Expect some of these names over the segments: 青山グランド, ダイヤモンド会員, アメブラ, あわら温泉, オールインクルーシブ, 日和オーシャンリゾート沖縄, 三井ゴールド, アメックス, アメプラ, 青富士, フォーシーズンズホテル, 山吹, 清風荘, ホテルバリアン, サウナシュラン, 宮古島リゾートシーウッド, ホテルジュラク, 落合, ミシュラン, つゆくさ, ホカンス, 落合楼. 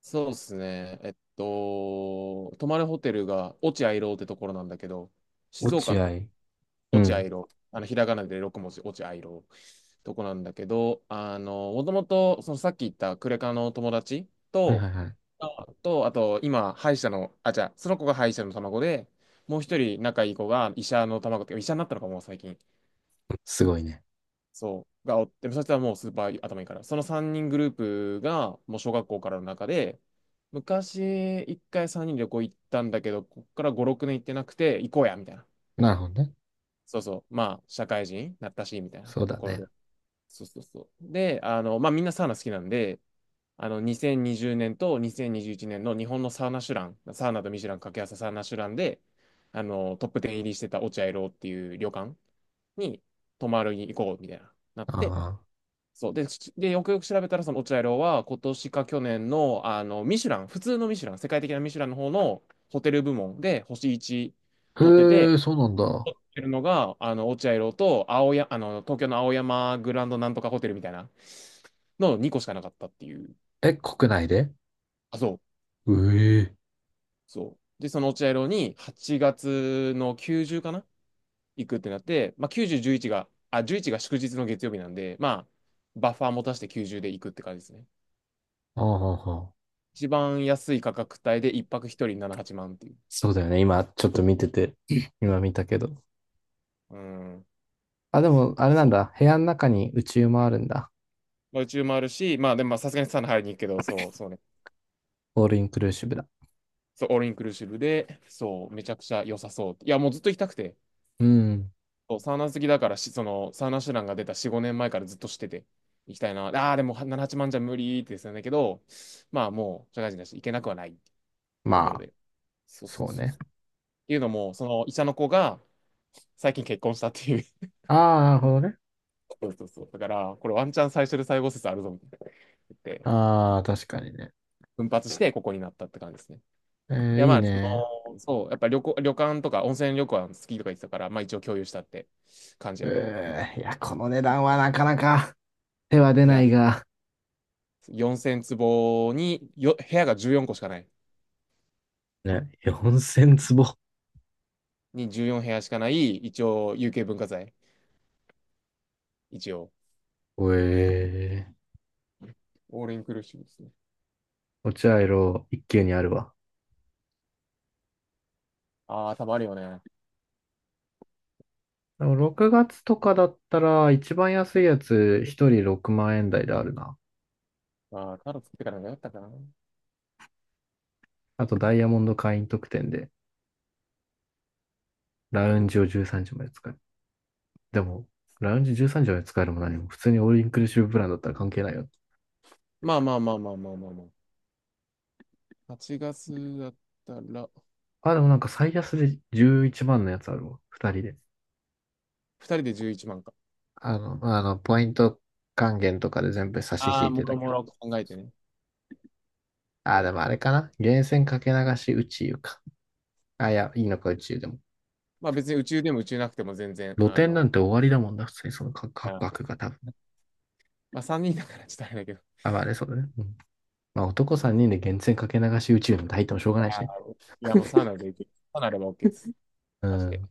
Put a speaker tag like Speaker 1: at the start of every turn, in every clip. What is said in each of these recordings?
Speaker 1: そうですね。泊まるホテルが落合楼ってところなんだけど、
Speaker 2: 落
Speaker 1: 静岡の
Speaker 2: 合。う
Speaker 1: 落
Speaker 2: ん。
Speaker 1: 合楼、ひらがなで六文字、落合楼とこなんだけど、もともと、そのさっき言ったクレカの友達
Speaker 2: はいは
Speaker 1: と、
Speaker 2: いはい。
Speaker 1: あと、今、歯医者の、じゃあ、その子が歯医者の卵で、もう一人仲いい子が医者の卵っていうか、医者になったのかも、最近。
Speaker 2: すごいね。
Speaker 1: そう、がおって、そしたらもうスーパー頭いいから、その3人グループが、もう小学校からの中で、昔、1回3人で旅行行ったんだけど、こっから5、6年行ってなくて、行こうや、みたいな。
Speaker 2: なるほどね。
Speaker 1: そうそう、まあ、社会人になったし、みたいな
Speaker 2: そう
Speaker 1: と
Speaker 2: だ
Speaker 1: ころ
Speaker 2: ね。
Speaker 1: で。そうそうそう。で、まあ、みんなサウナ好きなんで、2020年と2021年の日本のサウナシュラン、サウナとミシュラン掛け合わせサウナシュランで、トップ10入りしてた落合ロっていう旅館に泊まるに行こう、みたいな、なって、
Speaker 2: あ
Speaker 1: そうで、しで、よくよく調べたら、その落合楼は、今年か去年の、ミシュラン、普通のミシュラン、世界的なミシュランの方のホテル部門で星1
Speaker 2: あ。
Speaker 1: 取って
Speaker 2: へ
Speaker 1: て、
Speaker 2: え、そうなんだ。
Speaker 1: ってるのが、落合楼と青や、あの、東京の青山グランドなんとかホテルみたいなの2個しかなかったっていう。
Speaker 2: え、国内で？
Speaker 1: あ、そう、
Speaker 2: うえ。
Speaker 1: そう。で、その落合楼に8月の90かな行くってなって、まあ、90、11が、あ、11が祝日の月曜日なんで、まあ、バッファー持たして90で行くって感じですね。
Speaker 2: ああ、ああ、
Speaker 1: 一番安い価格帯で1泊1人78万っていう。
Speaker 2: そうだよね。今、ちょっと見てて、今見たけど。
Speaker 1: うん、
Speaker 2: あ、でも、あれなん
Speaker 1: そう。
Speaker 2: だ。部屋の中に宇宙もあるんだ。
Speaker 1: まあ、宇宙もあるし、まあでもまあさすがにサウナ入りに行くけど、そう、そうね。
Speaker 2: オールインクルーシブだ。
Speaker 1: そう、オールインクルーシブで、そう、めちゃくちゃ良さそう。いや、もうずっと行きたくて。
Speaker 2: うん。
Speaker 1: そうサウナ好きだからし、その、サウナシュランが出た4、5年前からずっとしてて、行きたいな。ああ、でも7、8万じゃ無理ってですよね。けど、まあもう、社会人だし、行けなくはないと
Speaker 2: ま
Speaker 1: ころ
Speaker 2: あ、
Speaker 1: で。そうそ
Speaker 2: そ
Speaker 1: う
Speaker 2: う
Speaker 1: そう
Speaker 2: ね。
Speaker 1: そう。っていうのも、その医者の子が、最近結婚したっていう。
Speaker 2: ああ、なるほどね。
Speaker 1: そうそうそう。だから、これワンチャン最初で最後説あるぞ、みたいな言って。
Speaker 2: ああ、確かにね。
Speaker 1: 奮発してここになったって感じですね。いや、
Speaker 2: い
Speaker 1: ま
Speaker 2: い
Speaker 1: あ、
Speaker 2: ね。
Speaker 1: そう、やっぱ旅行、旅館とか温泉旅館好きとか言ってたから、まあ一応共有したって感じやね。うん、
Speaker 2: いや、この値段はなかなか手は出
Speaker 1: い
Speaker 2: な
Speaker 1: や、
Speaker 2: いが、
Speaker 1: 4000坪によ、部屋が14個しかない。
Speaker 2: ね、4000坪。
Speaker 1: に14部屋しかない、一応有形文化財。一応。
Speaker 2: ええ。
Speaker 1: オールインクルーシブですね。
Speaker 2: 落合ロ一級にあるわ。
Speaker 1: ああ、多分あるよね。
Speaker 2: でも6月とかだったら、一番安いやつ、一人6万円台であるな。
Speaker 1: ああ、タロ作ってからのがよかったかな。
Speaker 2: あと、ダイヤモンド会員特典で、ラウンジを13時まで使える。でも、ラウンジ13時まで使えるも何も、普通にオールインクルーシブプランだったら関係ないよ。
Speaker 1: まあまあまあまあまあまあまあ。8月だったら、
Speaker 2: あ、でもなんか最安で11万のやつあるわ。二人で。
Speaker 1: 2人で11万か。
Speaker 2: ポイント還元とかで全部差し
Speaker 1: あ
Speaker 2: 引
Speaker 1: あ、
Speaker 2: い
Speaker 1: も
Speaker 2: てた
Speaker 1: ろ
Speaker 2: け
Speaker 1: も
Speaker 2: ど。
Speaker 1: ろ考えてね。い
Speaker 2: あ、でも
Speaker 1: や
Speaker 2: あれ
Speaker 1: ー、
Speaker 2: かな。源泉かけ流し宇宙か。あ、いや、いいのか宇宙でも。
Speaker 1: まあ別に宇宙でも宇宙なくても全然、
Speaker 2: 露店なんて終わりだもんな、普通にその価
Speaker 1: あー、
Speaker 2: 格が多分。
Speaker 1: まあ、3人だからちょっとあれだけど。
Speaker 2: あ、まあね、そうだね。うんまあ男
Speaker 1: そうそ
Speaker 2: 3
Speaker 1: う
Speaker 2: 人で源泉かけ流し宇宙なんて入ってもしょうが
Speaker 1: そ
Speaker 2: な
Speaker 1: う、
Speaker 2: いし
Speaker 1: あ
Speaker 2: ね。
Speaker 1: ー、いや、もうサウ ナで行く。サウナでも OK です。
Speaker 2: う
Speaker 1: マジで。
Speaker 2: ん。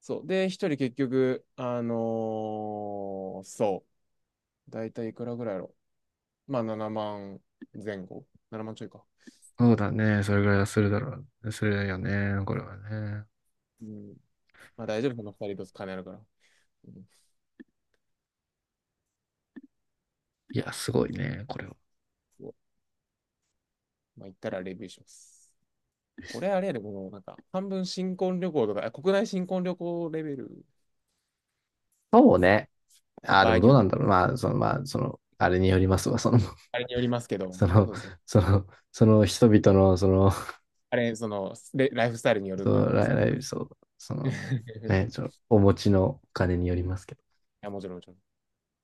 Speaker 1: そう。で、一人結局、そう。だいたいいくらぐらいやろ。まあ、7万前後。7万ちょいか。
Speaker 2: そうだね、それぐらいはするだろう。するよね、これはね。
Speaker 1: うん。まあ、大丈夫。この2人と金あるから。うん、
Speaker 2: いや、すごいね、これは。
Speaker 1: そうまあ、行ったらレビューします。これあれやで、この、なんか、半分新婚旅行とか、国内新婚旅行レベル、
Speaker 2: そうね。ああ、で
Speaker 1: 場合
Speaker 2: も
Speaker 1: に
Speaker 2: どう
Speaker 1: よっ
Speaker 2: な
Speaker 1: て
Speaker 2: んだろう。まあ、あ
Speaker 1: か、
Speaker 2: れによりますわ。
Speaker 1: あれによりますけど、
Speaker 2: その、
Speaker 1: そうですね。
Speaker 2: その人々の、その、
Speaker 1: あれ、その、ライフスタイルによ
Speaker 2: そ
Speaker 1: ると思
Speaker 2: の、
Speaker 1: うんです。
Speaker 2: ライブ、そう、ね、その、お持ちのお金によりますけど。
Speaker 1: や、もちろん、もちろん。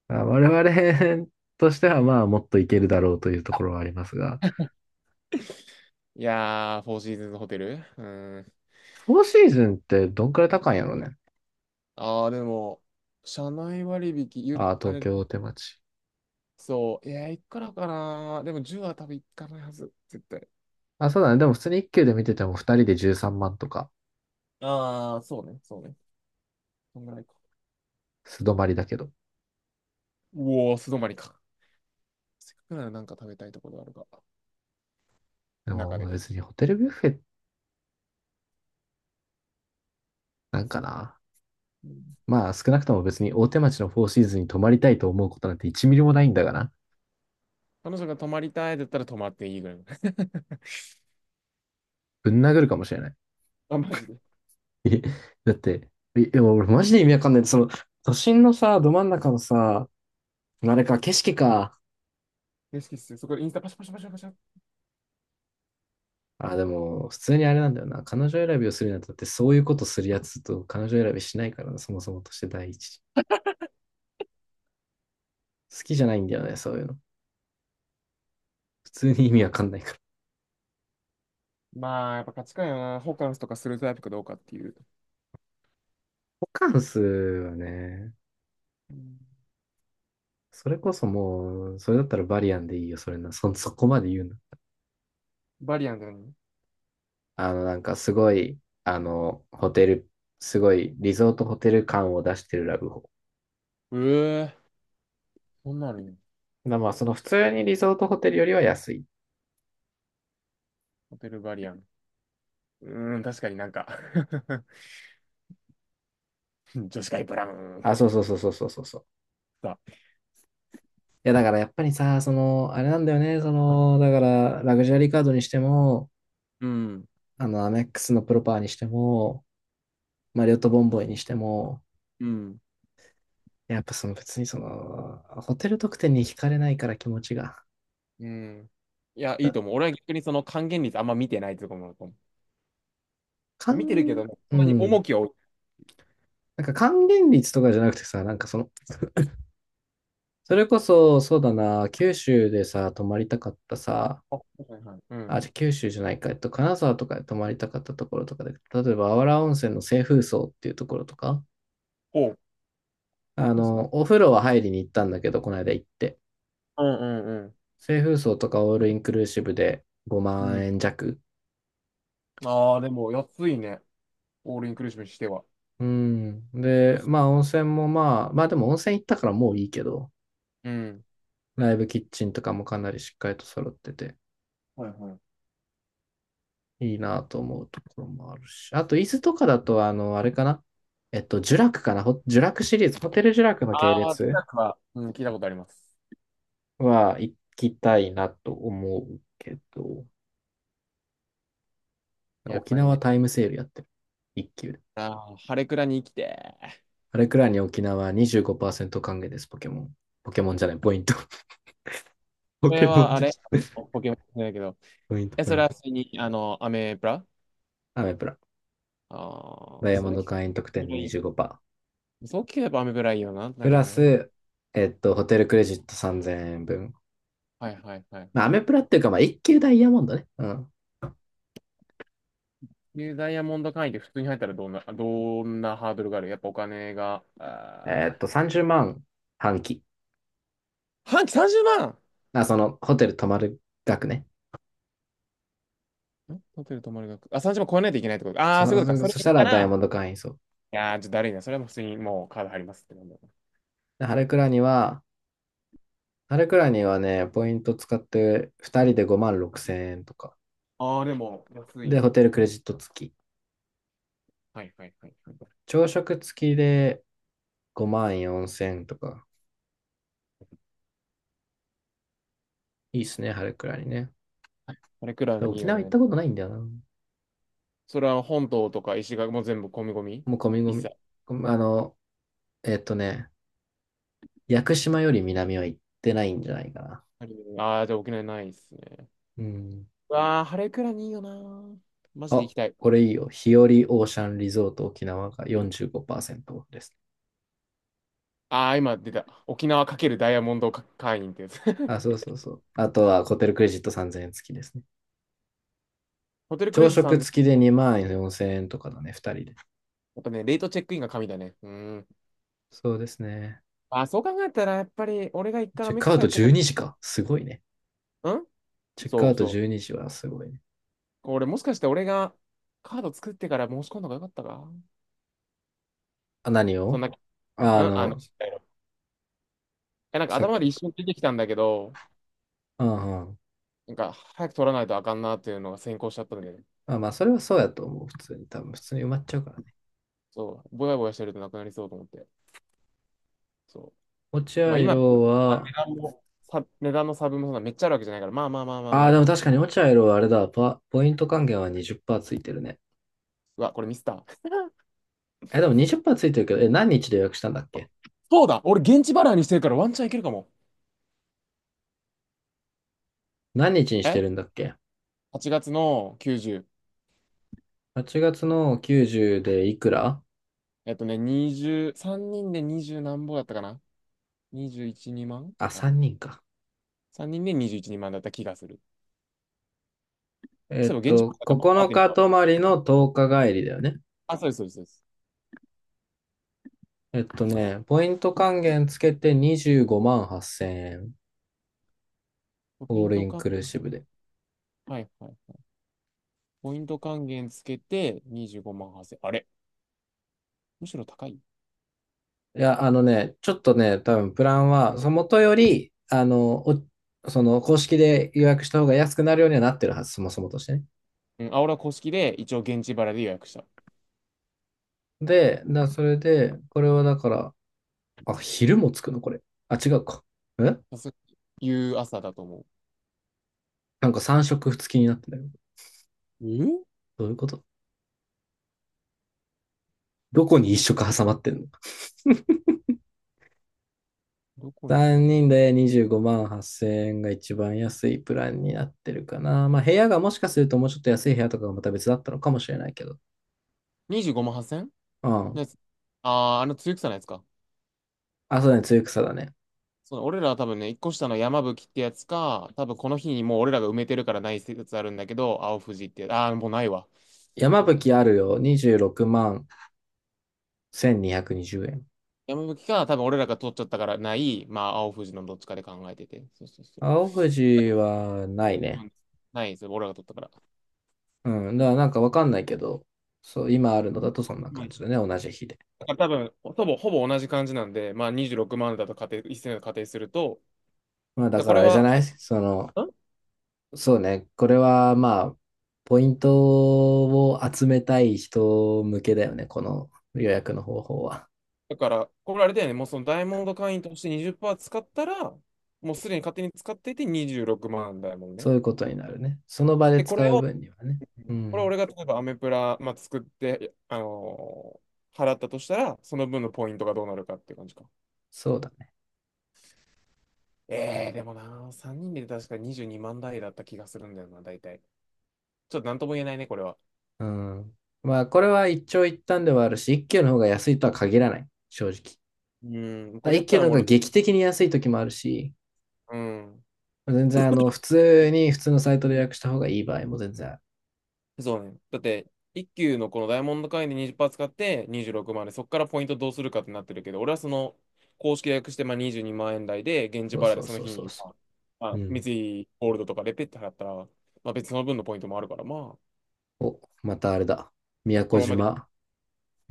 Speaker 2: まあ我々 としてはまあもっといけるだろうというところはありますが、
Speaker 1: いやー、フォーシーズンズホテル、うーん。
Speaker 2: フォーシーズンってどんくらい高いんやろね。
Speaker 1: あー、でも、社内割引、
Speaker 2: ああ、
Speaker 1: あ
Speaker 2: 東
Speaker 1: れ、
Speaker 2: 京大手町。
Speaker 1: そう、いや、いくらかな。でも、10は多分いかないはず、絶対。
Speaker 2: あ、そうだね。でも普通に1級で見てても2人で13万とか、
Speaker 1: ああ、そうね、そうね。そんぐらいか。
Speaker 2: 素泊まりだけど。
Speaker 1: うおー、素泊まりか。せっかくならなんか食べたいところあるか。
Speaker 2: で
Speaker 1: 中
Speaker 2: も
Speaker 1: で。
Speaker 2: 別にホテルビュッフェなんかな。
Speaker 1: うん、
Speaker 2: まあ少なくとも別に大手町のフォーシーズンに泊まりたいと思うことなんて1ミリもないんだがな。
Speaker 1: 彼女が泊まりたいだったら泊まっていいぐらいの。
Speaker 2: ぶん殴るかもしれない。
Speaker 1: あ、マジで。
Speaker 2: だって、いいや俺マジで意味わかんない。都心のさ、ど真ん中のさ、あれか、景色か。
Speaker 1: 嬉しっすよ。そこでインスタパシャパシャパシャパシャ。
Speaker 2: あ、でも、普通にあれなんだよな。彼女選びをするにあたって、そういうことするやつと彼女選びしないからな、そもそもとして第一。好きじゃないんだよね、そういうの。普通に意味わかんないから。
Speaker 1: まあ、やっぱ価値観やな。ホカンスとかするタイプかどうかっていう。
Speaker 2: ホカンスはね、
Speaker 1: うん、
Speaker 2: それこそもう、それだったらバリアンでいいよ、それな。そこまで言うな。
Speaker 1: バリアンだよね。
Speaker 2: なんかすごい、ホテル、すごいリゾートホテル感を出してるラブホ。
Speaker 1: うえ、そんなのに、
Speaker 2: まあ、まあその普通にリゾートホテルよりは安い。
Speaker 1: ホテルバリアン。うーん、確かになんか 女子会ブラウン。
Speaker 2: あ、そうそうそうそうそうそう。
Speaker 1: さ、
Speaker 2: いや、だからやっぱりさ、あれなんだよね、だから、ラグジュアリーカードにしても、
Speaker 1: うん、
Speaker 2: アメックスのプロパーにしても、マリオットボンボイにしても、
Speaker 1: うん、
Speaker 2: やっぱ別にホテル特典に惹かれないから気持ちが。
Speaker 1: うん。いや、いい
Speaker 2: だ
Speaker 1: と思う。俺は逆にその還元率あんま見てないってとこもあると思う。見てるけど
Speaker 2: 還、
Speaker 1: ね
Speaker 2: う
Speaker 1: そんなに
Speaker 2: ん。
Speaker 1: 重きを置い。
Speaker 2: なんか還元率とかじゃなくてさ、なんかそれこそ、そうだな、九州でさ、泊まりたかったさ、
Speaker 1: あ、はいはい。う
Speaker 2: あ、
Speaker 1: ん。
Speaker 2: じゃあ九州じゃないか、金沢とかで泊まりたかったところとかで、例えば、あわら温泉の清風荘っていうところとか、
Speaker 1: おう。え、そうっすね。
Speaker 2: お風呂は入りに行ったんだけど、この間行って。
Speaker 1: うんうん
Speaker 2: 清風荘とかオールインクルーシブで
Speaker 1: う
Speaker 2: 5
Speaker 1: ん。う
Speaker 2: 万
Speaker 1: ん。
Speaker 2: 円弱。
Speaker 1: ああ、でも安いね。オールインクルーシブにしては。ほ
Speaker 2: うん。
Speaker 1: と
Speaker 2: で、
Speaker 1: っす、
Speaker 2: まあ温泉もまあ、でも温泉行ったからもういいけど、
Speaker 1: うん。
Speaker 2: ライブキッチンとかもかなりしっかりと揃ってて、
Speaker 1: はいはい。
Speaker 2: いいなと思うところもあるし。あと、伊豆とかだと、あれかなジュラクかなホジュラクシリーズ、ホテルジュラクの系
Speaker 1: ああ、
Speaker 2: 列
Speaker 1: 北区は、うん、聞いたことあります。
Speaker 2: は行きたいなと思うけど、
Speaker 1: やっ
Speaker 2: 沖
Speaker 1: ぱり
Speaker 2: 縄
Speaker 1: ね。
Speaker 2: タイムセールやってる。一級で。
Speaker 1: ああ、晴れ倉に生きて。
Speaker 2: あれくらいに沖縄25%還元です、ポケモン。ポケモンじゃない、ポイント。ポ
Speaker 1: これ
Speaker 2: ケモン
Speaker 1: はあ
Speaker 2: でき
Speaker 1: れ、
Speaker 2: た。
Speaker 1: ポケモンじゃないけど、
Speaker 2: ポイント、
Speaker 1: え、
Speaker 2: ポ
Speaker 1: そ
Speaker 2: イ
Speaker 1: れ
Speaker 2: ン
Speaker 1: は
Speaker 2: ト。
Speaker 1: 普通に、アメブラ、
Speaker 2: アメプラ。
Speaker 1: あ
Speaker 2: ダイ
Speaker 1: あー、
Speaker 2: ヤ
Speaker 1: そ
Speaker 2: モン
Speaker 1: れ聞
Speaker 2: ド
Speaker 1: く
Speaker 2: 会員
Speaker 1: ア
Speaker 2: 特
Speaker 1: メ
Speaker 2: 典
Speaker 1: ブ
Speaker 2: で
Speaker 1: ラいいよ、
Speaker 2: 25%。
Speaker 1: そう聞けばアメブラいいよな、な
Speaker 2: プ
Speaker 1: る
Speaker 2: ラ
Speaker 1: よな。
Speaker 2: ス、
Speaker 1: う
Speaker 2: ホ
Speaker 1: ん。
Speaker 2: テルクレジット3000円分。
Speaker 1: はいはいはい
Speaker 2: まあ、ア
Speaker 1: はい。
Speaker 2: メプラっていうか、まあ、一級ダイヤモンドね。うん。
Speaker 1: で、ダイヤモンド会員って普通に入ったらどんな、どんなハードルがあるやっぱお金が、あー
Speaker 2: 30万半期。
Speaker 1: 半期30万、
Speaker 2: あ、ホテル泊まる額ね。
Speaker 1: んん、ホテル泊まる額。あ、30万超えないといけないってことか。ああ、そういうことか。それ
Speaker 2: そし
Speaker 1: 言
Speaker 2: た
Speaker 1: った
Speaker 2: らダイヤ
Speaker 1: ら、
Speaker 2: モ
Speaker 1: い
Speaker 2: ンド会員そう。
Speaker 1: やー、ちょっとだるいな。それはもう普通にもうカード入りますってなんだ。
Speaker 2: で、ハレクラにはね、ポイント使って2人で5万6000円とか。
Speaker 1: ああ、でも、安い
Speaker 2: で、ホ
Speaker 1: ね。
Speaker 2: テルクレジット付き。
Speaker 1: はいはいはいはい。
Speaker 2: 朝食付きで5万4千円とか。いいっすね、春くらいにね。だ
Speaker 1: これくらい
Speaker 2: から
Speaker 1: にいい
Speaker 2: 沖
Speaker 1: よ
Speaker 2: 縄行っ
Speaker 1: ね。
Speaker 2: たことないんだよな。
Speaker 1: それは本島とか石垣も全部込み込み
Speaker 2: もう込み込
Speaker 1: 一切。
Speaker 2: み。あの、えっとね、屋久島より南は行ってないんじゃないかな。
Speaker 1: ああー、じゃあ沖縄ないですね。
Speaker 2: うん。
Speaker 1: うわあ、晴れくらにいいよなー。マジで
Speaker 2: あ、
Speaker 1: 行きたい。
Speaker 2: これいいよ。日和オーシャンリゾート沖縄が45%オフです。
Speaker 1: ああ、今出た。沖縄×ダイヤモンド会員ってやつ。
Speaker 2: あ、そうそうそう。あとはホテルクレジット3000円付きですね。
Speaker 1: ホテルクレ
Speaker 2: 朝
Speaker 1: ジット
Speaker 2: 食
Speaker 1: 3000。
Speaker 2: 付きで2万4千円とかだね、2人で。
Speaker 1: やっぱね、レートチェックインが神だね。うん。
Speaker 2: そうですね。
Speaker 1: ああ、そう考えたら、やっぱり俺が一回
Speaker 2: チ
Speaker 1: ア
Speaker 2: ェッ
Speaker 1: メッ
Speaker 2: ク
Speaker 1: ク
Speaker 2: ア
Speaker 1: ス
Speaker 2: ウ
Speaker 1: 入
Speaker 2: ト
Speaker 1: ってか
Speaker 2: 12時か。すごいね。
Speaker 1: ら、うん、
Speaker 2: チェック
Speaker 1: そ
Speaker 2: アウ
Speaker 1: う
Speaker 2: ト
Speaker 1: そう。
Speaker 2: 12時はすごいね。
Speaker 1: これもしかして俺がカード作ってから申し込んだ方がよかったか、
Speaker 2: あ、何
Speaker 1: そん
Speaker 2: を？
Speaker 1: な、
Speaker 2: ああ
Speaker 1: うん、
Speaker 2: の、
Speaker 1: え、なんか
Speaker 2: さっ
Speaker 1: 頭
Speaker 2: き
Speaker 1: で
Speaker 2: の。
Speaker 1: 一瞬出てきたんだけど、
Speaker 2: うんうん。
Speaker 1: なんか早く取らないとあかんなっていうのが先行しちゃったんで、
Speaker 2: あ、まあ、それはそうやと思う。普通に、多分、普通に埋まっちゃうからね。
Speaker 1: そう、ぼやぼやしてるとなくなりそうと思って。そ
Speaker 2: 落合
Speaker 1: う、まあ今、
Speaker 2: 色
Speaker 1: まあ
Speaker 2: は、
Speaker 1: 値段の差分もそんなめっちゃあるわけじゃないから、まあまあまあまあ
Speaker 2: あ
Speaker 1: ま
Speaker 2: あ、
Speaker 1: あ
Speaker 2: で
Speaker 1: ま
Speaker 2: も
Speaker 1: あま
Speaker 2: 確
Speaker 1: あ。
Speaker 2: かに落合色はあれだ、ポイント還元は20%ついてるね。
Speaker 1: うわ、これミスった。
Speaker 2: え、でも20%ついてるけど、え、何日で予約したんだっけ？
Speaker 1: そうだ、俺現地払いにしてるからワンチャンいけるかも。
Speaker 2: 何日にし
Speaker 1: え
Speaker 2: てるんだっけ
Speaker 1: ?8 月の90。
Speaker 2: ?8 月の90でいくら？
Speaker 1: えっとね、20、3人で20何ぼだったかな ?21、2万
Speaker 2: あ、
Speaker 1: かな
Speaker 2: 3人か。
Speaker 1: ?3 人で21、2万だった気がする。そういえば現地払いだから、まあ、
Speaker 2: 9
Speaker 1: 待ってね。
Speaker 2: 日泊まりの10日帰りだよね。
Speaker 1: あ、そうです、そうです、そうです。
Speaker 2: ポイント
Speaker 1: ん、
Speaker 2: 還元つけて25万8千円。
Speaker 1: ポイ
Speaker 2: オー
Speaker 1: ン
Speaker 2: ルイ
Speaker 1: ト
Speaker 2: ン
Speaker 1: 還、
Speaker 2: クルーシブで。
Speaker 1: はいはいはい。ポイント還元つけて25万8 0、あれ、むしろ高い、
Speaker 2: いや、ちょっとね、多分プランは、その元より、その公式で予約した方が安くなるようにはなってるはず、そもそもとしてね。
Speaker 1: うん、あ、俺は公式で一応現地払いで予約した。
Speaker 2: で、それで、これはだから、あ、昼もつくのこれ。あ、違うか。え
Speaker 1: そう、い夕朝だと思う。
Speaker 2: なんか3食付きになってんだけど。
Speaker 1: え、
Speaker 2: どういうこと？どこ
Speaker 1: そ
Speaker 2: に1
Speaker 1: の、
Speaker 2: 食挟まってんの
Speaker 1: どこにしか
Speaker 2: ?3
Speaker 1: も。
Speaker 2: 人で25万8000円が一番安いプランになってるかな。まあ部屋がもしかするともうちょっと安い部屋とかがまた別だったのかもしれないけど。
Speaker 1: 25万8000
Speaker 2: う
Speaker 1: の
Speaker 2: ん。
Speaker 1: やつ。あー、つゆくさのやつか。
Speaker 2: あ、そうだね、露草だね。
Speaker 1: そう、俺らは多分ね、一個下の山吹ってやつか、多分この日にもう俺らが埋めてるからない説あるんだけど、青富士ってやつ、あー、もうないわ。
Speaker 2: 山
Speaker 1: そう
Speaker 2: 吹
Speaker 1: ね。
Speaker 2: あるよ。26万1220円。
Speaker 1: 山吹か、多分俺らが取っちゃったからない、まあ、青富士のどっちかで考えてて。そうそうそう。
Speaker 2: 青藤はない
Speaker 1: う
Speaker 2: ね。
Speaker 1: ん、ないですよ、俺らが取ったから。
Speaker 2: うん。だからなんかわかんないけど、そう、今あるの
Speaker 1: う
Speaker 2: だ
Speaker 1: ん、
Speaker 2: とそんな感じだね。同じ日で。
Speaker 1: だから多分、ほぼ、ほぼ同じ感じなんで、まあ26万だと仮定、一斉の仮定すると、
Speaker 2: まあだ
Speaker 1: だ
Speaker 2: か
Speaker 1: こ
Speaker 2: ら
Speaker 1: れ
Speaker 2: あれじゃ
Speaker 1: は、
Speaker 2: ない
Speaker 1: ん、
Speaker 2: そうね。これはまあ、ポイントを集めたい人向けだよね。この予約の方法は。
Speaker 1: だから、これあれだよね、もうそのダイヤモンド会員として20%使ったら、もうすでに勝手に使っていて26万だ、イヤ
Speaker 2: そ
Speaker 1: ね。
Speaker 2: ういうことになるね。その場で
Speaker 1: で、こ
Speaker 2: 使
Speaker 1: れ
Speaker 2: う
Speaker 1: を、
Speaker 2: 分にはね。う
Speaker 1: これ
Speaker 2: ん。
Speaker 1: 俺が例えばアメプラ、まあ、作って、払ったとしたら、その分のポイントがどうなるかっていう感じか。
Speaker 2: そうだね。
Speaker 1: えー、でもな、3人で確か22万台だった気がするんだよな、大体。ちょっとなんとも言えないね、これは。
Speaker 2: うん。まあこれは一長一短ではあるし、一級の方が安いとは限らない。正直。
Speaker 1: うん、これや
Speaker 2: 一
Speaker 1: っ
Speaker 2: 級
Speaker 1: たら
Speaker 2: の方
Speaker 1: もう
Speaker 2: が
Speaker 1: 俺、
Speaker 2: 劇的に安い時もあるし、
Speaker 1: うん。
Speaker 2: 全然普通に普通のサイトで予約した方がいい場合も全然ある。
Speaker 1: そうね。だって、一級のこのダイヤモンド会員で20%使って26万で、そこからポイントどうするかってなってるけど、俺はその、公式で約してまあ22万円台で、現地
Speaker 2: そう
Speaker 1: 払い
Speaker 2: そ
Speaker 1: で
Speaker 2: う
Speaker 1: その
Speaker 2: そう
Speaker 1: 日
Speaker 2: そう
Speaker 1: に、
Speaker 2: そ
Speaker 1: まあ、ま
Speaker 2: う。
Speaker 1: あ、
Speaker 2: う
Speaker 1: 三
Speaker 2: ん。
Speaker 1: 井ゴールドとかでペッて払ったら、まあ別にその分のポイントもあるから、まあ、
Speaker 2: お、またあれだ。宮
Speaker 1: こ
Speaker 2: 古
Speaker 1: のままで、
Speaker 2: 島、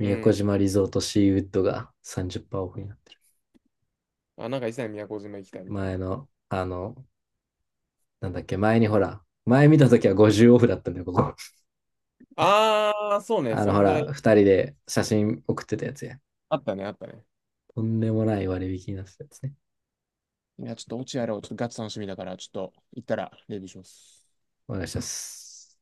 Speaker 1: う
Speaker 2: 古
Speaker 1: ん。
Speaker 2: 島リゾートシーウッドが30%オフになってる。
Speaker 1: あ、なんか一切宮古島行きたいみたい
Speaker 2: 前
Speaker 1: な。
Speaker 2: の、なんだっけ、前にほら、前見た時は50オフだったんだよ、ここ。
Speaker 1: あー、そうね。そ
Speaker 2: ほ
Speaker 1: んぐら
Speaker 2: ら、
Speaker 1: い。
Speaker 2: 2人で写真送ってたやつや。
Speaker 1: あったね、あったね。
Speaker 2: とんでもない割引になってたやつね。
Speaker 1: いや、ちょっと落合やろう。ちょっとガチ楽しみだから、ちょっと行ったらレビューします。
Speaker 2: お願いします。